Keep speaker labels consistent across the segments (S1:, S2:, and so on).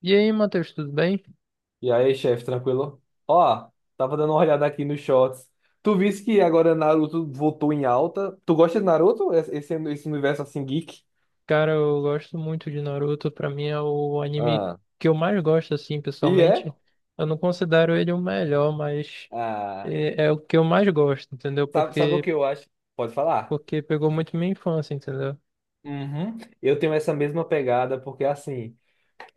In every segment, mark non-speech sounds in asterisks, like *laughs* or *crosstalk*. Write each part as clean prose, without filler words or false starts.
S1: E aí, Matheus, tudo bem?
S2: E aí, chefe, tranquilo? Ó, tava dando uma olhada aqui nos shorts. Tu viste que agora Naruto voltou em alta? Tu gosta de Naruto? Esse universo assim geek?
S1: Cara, eu gosto muito de Naruto. Pra mim é o anime
S2: Ah.
S1: que eu mais gosto, assim,
S2: E é?
S1: pessoalmente. Eu não considero ele o melhor, mas
S2: Ah,
S1: é o que eu mais gosto, entendeu?
S2: sabe o
S1: Porque,
S2: que eu acho? Pode falar.
S1: porque pegou muito minha infância, entendeu?
S2: Uhum. Eu tenho essa mesma pegada, porque assim,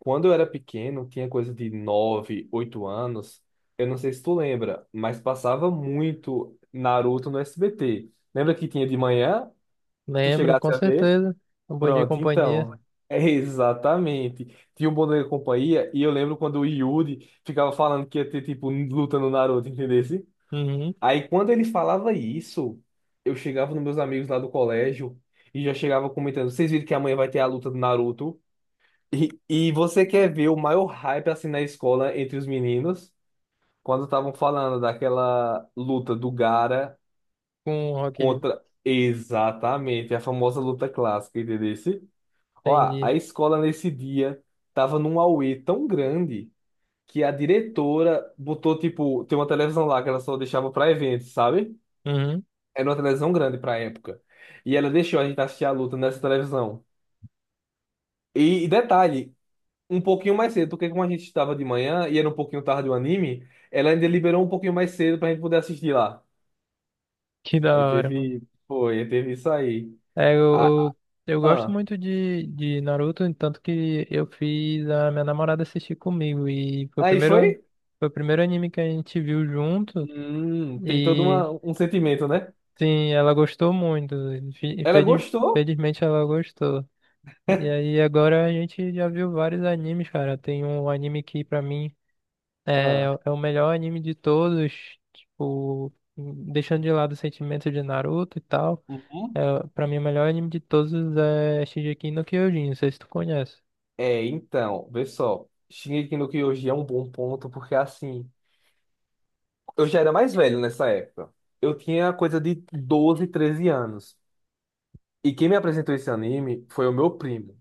S2: quando eu era pequeno, tinha coisa de 9 8 anos. Eu não sei se tu lembra, mas passava muito Naruto no SBT. Lembra que tinha de manhã? Tu
S1: Lembro,
S2: chegasse
S1: com
S2: a ver?
S1: certeza. Um Bom Dia e
S2: Pronto,
S1: Companhia.
S2: então. É exatamente. Tinha um bom da companhia e eu lembro quando o Yuri ficava falando que ia ter, tipo, luta no Naruto, entendesse?
S1: Uhum.
S2: Aí quando ele falava isso, eu chegava nos meus amigos lá do colégio e já chegava comentando: vocês viram que amanhã vai ter a luta do Naruto? E, e você quer ver o maior hype assim na escola entre os meninos? Quando estavam falando daquela luta do Gara
S1: Com o Rock Lee.
S2: contra. Exatamente, a famosa luta clássica, entendeu? Ó, a
S1: Entendi.
S2: escola nesse dia tava num auê tão grande que a diretora botou, tipo, tem uma televisão lá que ela só deixava pra eventos, sabe?
S1: Uhum.
S2: Era uma televisão grande pra época. E ela deixou a gente assistir a luta nessa televisão. E detalhe, um pouquinho mais cedo, porque como a gente estava de manhã e era um pouquinho tarde o anime, ela ainda liberou um pouquinho mais cedo pra gente poder assistir lá.
S1: Que da
S2: Aí
S1: hora, mano.
S2: teve, teve isso aí.
S1: É, eu,
S2: Ah,
S1: eu, eu gosto
S2: ah.
S1: muito de Naruto, tanto que eu fiz a minha namorada assistir comigo. E foi o
S2: Aí
S1: primeiro,
S2: foi?
S1: foi o primeiro anime que a gente viu junto.
S2: Tem todo
S1: E
S2: uma, um sentimento, né?
S1: sim, ela gostou muito. Infe-
S2: Ela
S1: infeliz-
S2: gostou.
S1: Infelizmente ela gostou. E
S2: *laughs*
S1: aí agora a gente já viu vários animes, cara. Tem um anime que pra mim. É,
S2: Ah,
S1: é o melhor anime de todos, tipo, deixando de lado o sentimento de Naruto e tal.
S2: uhum.
S1: É, pra mim, o melhor anime de todos é Shingeki no Kyojin, não sei se tu conhece.
S2: É, então, vê só. Shingeki no Kyojin é um bom ponto, porque assim, eu já era mais velho nessa época. Eu tinha coisa de 12, 13 anos. E quem me apresentou esse anime foi o meu primo.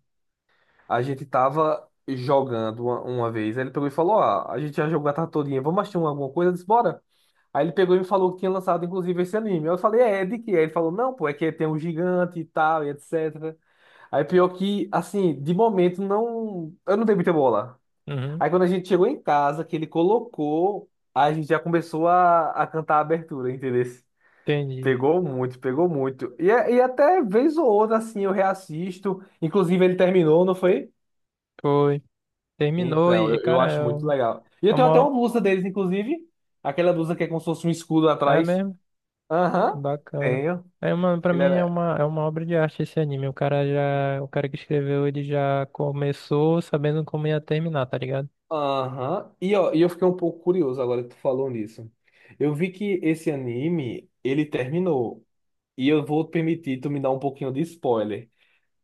S2: A gente tava jogando uma vez, aí ele pegou e falou: Ah, a gente já jogou a tarde todinha, vamos alguma coisa? Eu disse, bora. Aí ele pegou e me falou que tinha lançado, inclusive, esse anime. Eu falei, é de quê? Aí ele falou, não, pô, é que tem um gigante e tal, e etc. Aí pior que, assim, de momento, não. Eu não dei muita bola.
S1: Uhum,
S2: Aí quando a gente chegou em casa, que ele colocou, a gente já começou a cantar a abertura, entendeu?
S1: entendi.
S2: Pegou muito, pegou muito. E até vez ou outra, assim, eu reassisto. Inclusive, ele terminou, não foi?
S1: Foi. Terminou
S2: Então,
S1: e,
S2: eu
S1: cara,
S2: acho muito legal. E
S1: é
S2: eu tenho até uma
S1: uma.
S2: blusa deles, inclusive. Aquela blusa que é como se fosse um escudo
S1: É
S2: atrás.
S1: mesmo?
S2: Aham,
S1: Bacana.
S2: tenho.
S1: É uma, pra
S2: Ele
S1: mim é
S2: era.
S1: uma, é uma obra de arte esse anime. O cara já. O cara que escreveu, ele já começou sabendo como ia terminar, tá ligado?
S2: Aham. E, ó, e eu fiquei um pouco curioso agora que tu falou nisso. Eu vi que esse anime, ele terminou. E eu vou permitir tu me dar um pouquinho de spoiler.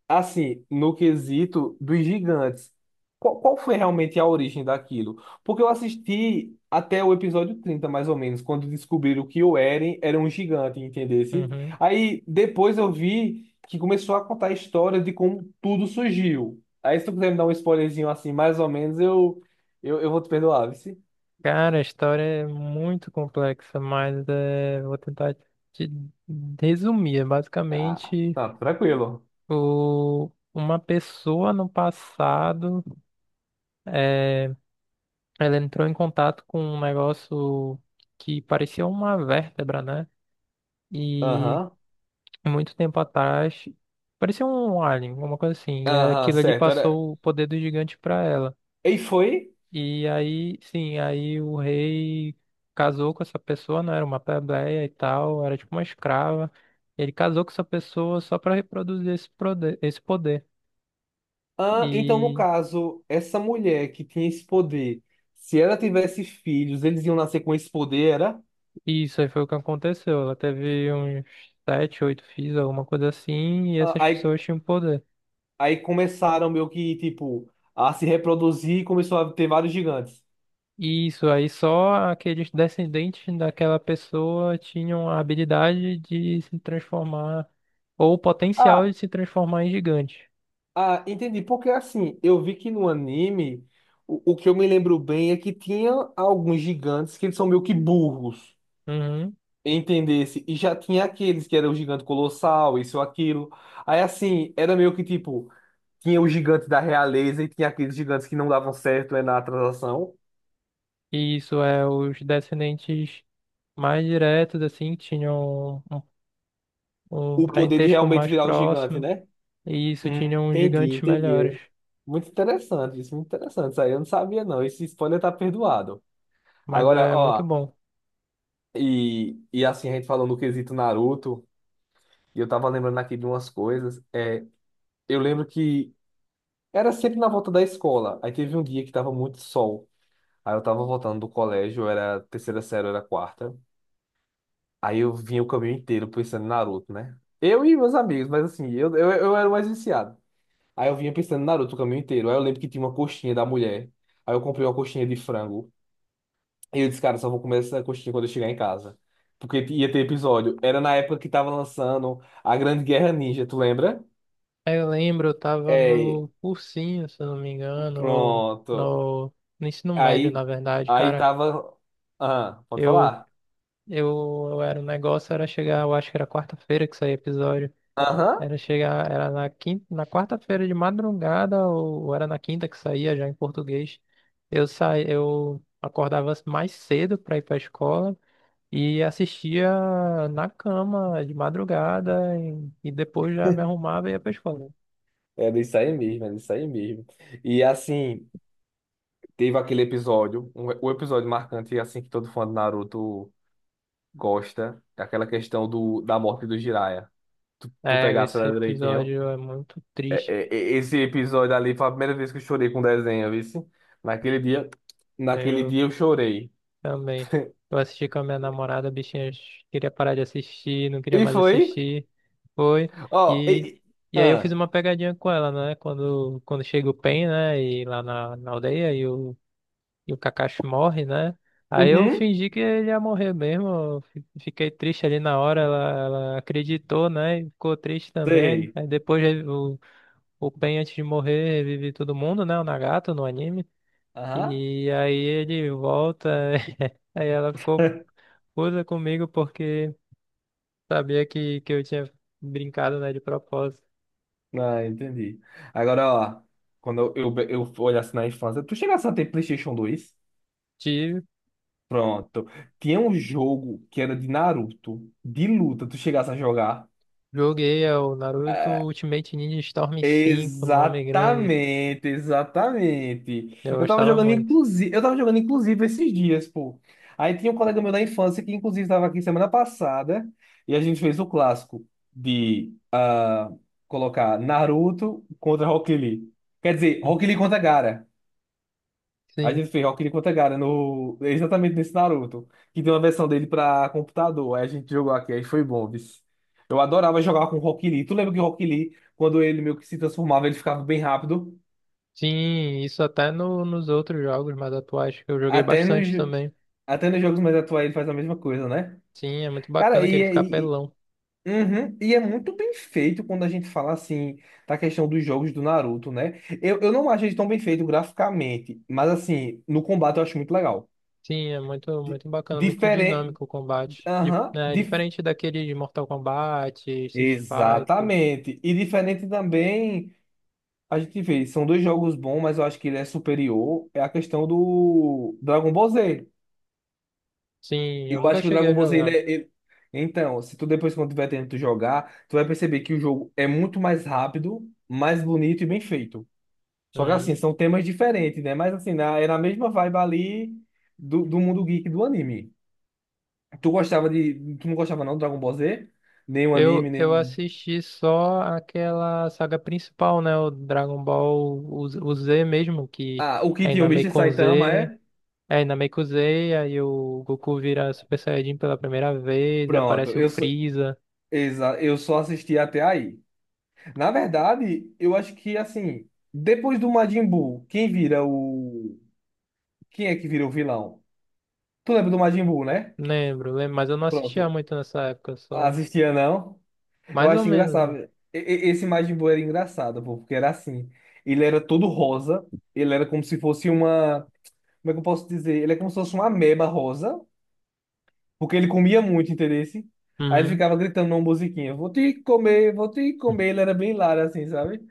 S2: Assim, no quesito dos gigantes, qual foi realmente a origem daquilo? Porque eu assisti até o episódio 30 mais ou menos, quando descobriram que o Eren era um gigante, entendesse?
S1: Uhum.
S2: Aí depois eu vi que começou a contar a história de como tudo surgiu. Aí se tu quiser me dar um spoilerzinho assim, mais ou menos, eu vou te perdoar, vice.
S1: Cara, a história é muito complexa, mas vou tentar te resumir. É,
S2: Ah,
S1: basicamente,
S2: tá, tranquilo.
S1: uma pessoa no passado, eh, ela entrou em contato com um negócio que parecia uma vértebra, né? E
S2: Aham,
S1: muito tempo atrás, parecia um alien, alguma coisa assim. E
S2: aham,
S1: aquilo ali
S2: certo. Era...
S1: passou o poder do gigante para ela.
S2: E foi?
S1: E aí, sim, aí o rei casou com essa pessoa, não era uma plebeia e tal, era tipo uma escrava. Ele casou com essa pessoa só para reproduzir esse poder, esse poder.
S2: Ah, então, no
S1: E
S2: caso, essa mulher que tinha esse poder, se ela tivesse filhos, eles iam nascer com esse poder, era?
S1: isso aí foi o que aconteceu. Ela teve uns sete, oito filhos, alguma coisa assim, e
S2: Ah,
S1: essas
S2: aí,
S1: pessoas tinham poder.
S2: aí começaram meio que, tipo, a se reproduzir e começou a ter vários gigantes.
S1: E isso aí só aqueles descendentes daquela pessoa tinham a habilidade de se transformar, ou o potencial
S2: Ah,
S1: de se transformar em gigante.
S2: ah, entendi. Porque, assim, eu vi que no anime, o que eu me lembro bem é que tinha alguns gigantes que eles são meio que burros,
S1: Uhum.
S2: entendesse? E já tinha aqueles que eram o gigante colossal, isso ou aquilo. Aí, assim, era meio que, tipo... tinha os gigantes da realeza e tinha aqueles gigantes que não davam certo, né, na transação.
S1: E isso é, os descendentes mais diretos, assim, tinham um,
S2: O poder de
S1: parentesco
S2: realmente
S1: mais
S2: virar o gigante,
S1: próximo,
S2: né?
S1: e isso
S2: Hum,
S1: tinham
S2: entendi,
S1: gigantes
S2: entendi.
S1: melhores.
S2: É muito interessante isso, muito interessante. Isso aí eu não sabia, não. Esse spoiler tá perdoado.
S1: Mas
S2: Agora,
S1: é muito
S2: ó,
S1: bom.
S2: e assim, a gente falou no quesito Naruto, e eu tava lembrando aqui de umas coisas. É, eu lembro que era sempre na volta da escola. Aí teve um dia que tava muito sol. Aí eu tava voltando do colégio, era terceira série, era quarta. Aí eu vinha o caminho inteiro pensando em Naruto, né? Eu e meus amigos, mas assim, eu era o mais viciado. Aí eu vinha pensando em Naruto o caminho inteiro. Aí eu lembro que tinha uma coxinha da mulher. Aí eu comprei uma coxinha de frango. E eu disse, cara, só vou comer essa coxinha quando eu chegar em casa. Porque ia ter episódio. Era na época que tava lançando a Grande Guerra Ninja, tu lembra?
S1: Aí eu lembro, eu tava
S2: É,
S1: no cursinho, se eu não me engano, ou
S2: pronto.
S1: no, no ensino médio,
S2: Aí,
S1: na verdade,
S2: aí
S1: cara.
S2: tava. Aham, pode
S1: Eu,
S2: falar?
S1: eu era, o negócio era chegar, eu acho que era quarta-feira que saía episódio.
S2: Aham.
S1: Era chegar, era na quinta, na quarta-feira de madrugada, ou era na quinta que saía já em português. Eu saí eu acordava mais cedo para ir para a escola e assistia na cama de madrugada e depois já me arrumava e ia para a escola.
S2: Era isso aí mesmo, era isso aí mesmo. E assim. Teve aquele episódio, um- O episódio marcante, assim, que todo fã do Naruto gosta, é aquela questão do, da morte do Jiraiya. Tu
S1: É,
S2: pegasse
S1: esse
S2: ela direitinho.
S1: episódio é muito triste.
S2: Esse episódio ali foi a primeira vez que eu chorei com desenho, vice. Naquele dia, naquele dia eu chorei.
S1: Também. Eu assisti com a minha namorada, a bichinha queria parar de assistir, não queria
S2: E
S1: mais
S2: foi?
S1: assistir. Foi.
S2: Ó, e-
S1: E,
S2: e-
S1: e aí eu fiz
S2: ah,
S1: uma pegadinha com ela, né? Quando chega o Pen, né? E lá na aldeia e o Kakashi morre, né? Aí eu
S2: uhum,
S1: fingi que ele ia morrer mesmo. Fiquei triste ali na hora. Ela acreditou, né? E ficou triste também.
S2: sei.
S1: Aí depois o Pen, antes de morrer, revive todo mundo, né? O Nagato no anime.
S2: Aham.
S1: E aí ele volta. *laughs* Aí ela ficou
S2: *laughs*
S1: usa comigo porque sabia que eu tinha brincado, né, de propósito.
S2: Ah, entendi. Agora, ó, quando eu olhasse na infância, tu chegasse a ter PlayStation dois.
S1: Tive,
S2: Pronto. Tinha um jogo que era de Naruto, de luta, tu chegasse a jogar.
S1: joguei é o Naruto Ultimate Ninja Storm 5 nome grande.
S2: Exatamente, exatamente.
S1: Eu
S2: Eu tava
S1: gostava
S2: jogando,
S1: muito.
S2: inclusive, eu tava jogando, inclusive, esses dias, pô. Aí tinha um colega meu da infância que, inclusive, estava aqui semana passada, e a gente fez o clássico de ah, colocar Naruto contra Rock Lee. Quer dizer, Rock Lee contra Gara. A
S1: Sim,
S2: gente fez Rock Lee contra Gaara no... exatamente nesse Naruto, que tem uma versão dele pra computador. Aí a gente jogou aqui, aí foi bom, vice. Eu adorava jogar com o Rock Lee. Tu lembra que o Rock Lee, quando ele meio que se transformava, ele ficava bem rápido?
S1: sim, isso até no, nos outros jogos mais atuais que eu joguei
S2: Até
S1: bastante
S2: nos,
S1: também.
S2: até nos jogos mais atuais ele faz a mesma coisa, né?
S1: Sim, é muito
S2: Cara,
S1: bacana que
S2: e,
S1: ele fica
S2: e,
S1: apelão.
S2: e, uhum, e é muito bem feito quando a gente fala assim da questão dos jogos do Naruto, né? Eu não acho ele tão bem feito graficamente, mas assim, no combate eu acho muito legal.
S1: Sim, é muito, muito bacana, muito
S2: Diferente.
S1: dinâmico o combate. Dif-
S2: Aham.
S1: né, diferente daquele de Mortal Kombat, Street Fighter.
S2: Exatamente. E diferente também, a gente vê, são dois jogos bons, mas eu acho que ele é superior, é a questão do Dragon Ball Z.
S1: Sim, eu
S2: Eu
S1: nunca
S2: acho que o
S1: cheguei a
S2: Dragon Ball Z,
S1: jogar.
S2: Então, se tu depois, quando tiver tempo de jogar, tu vai perceber que o jogo é muito mais rápido, mais bonito e bem feito. Só que
S1: Uhum.
S2: assim, são temas diferentes, né? Mas assim, é na mesma vibe ali do mundo geek do anime. Tu gostava de... Tu não gostava não do Dragon Ball Z? Nem o
S1: Eu,
S2: anime, nem
S1: eu
S2: o...
S1: assisti só aquela saga principal, né? O Dragon Ball, Z o Z mesmo, que
S2: Ah, o que
S1: é
S2: tinha o Mister
S1: Inameikon
S2: Saitama,
S1: Z,
S2: é?
S1: é Inameiko Z, aí o Goku vira Super Saiyajin pela primeira vez,
S2: Pronto,
S1: aparece o
S2: eu,
S1: Freeza.
S2: Exa Eu só assisti até aí. Na verdade, eu acho que assim, depois do Majin Buu, quem vira o. Quem é que vira o vilão? Tu lembra do Majin Buu, né?
S1: Lembro, lembro, mas eu não assistia
S2: Pronto.
S1: muito nessa época, só
S2: Assistia não? Eu
S1: mais ou
S2: acho
S1: menos,
S2: engraçado.
S1: né?
S2: Esse Majin Buu era engraçado, pô, porque era assim. Ele era todo rosa. Ele era como se fosse uma. Como é que eu posso dizer? Ele é como se fosse uma ameba rosa. Porque ele comia muito, entendeu? Aí ele
S1: Uhum.
S2: ficava gritando uma musiquinha: Vou te comer, vou te comer. Ele era bem hilário, assim, sabe?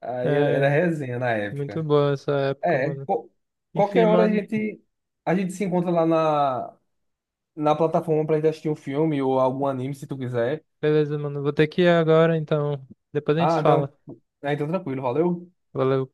S1: É,
S2: Era resenha na
S1: muito
S2: época.
S1: boa essa época,
S2: É,
S1: mano.
S2: qual-
S1: Enfim,
S2: Qualquer hora
S1: mano,
S2: a gente se encontra lá na plataforma pra gente assistir um filme ou algum anime, se tu quiser.
S1: beleza, mano. Vou ter que ir agora, então depois a gente
S2: Ah,
S1: se
S2: então,
S1: fala.
S2: ah, então tranquilo, valeu.
S1: Valeu.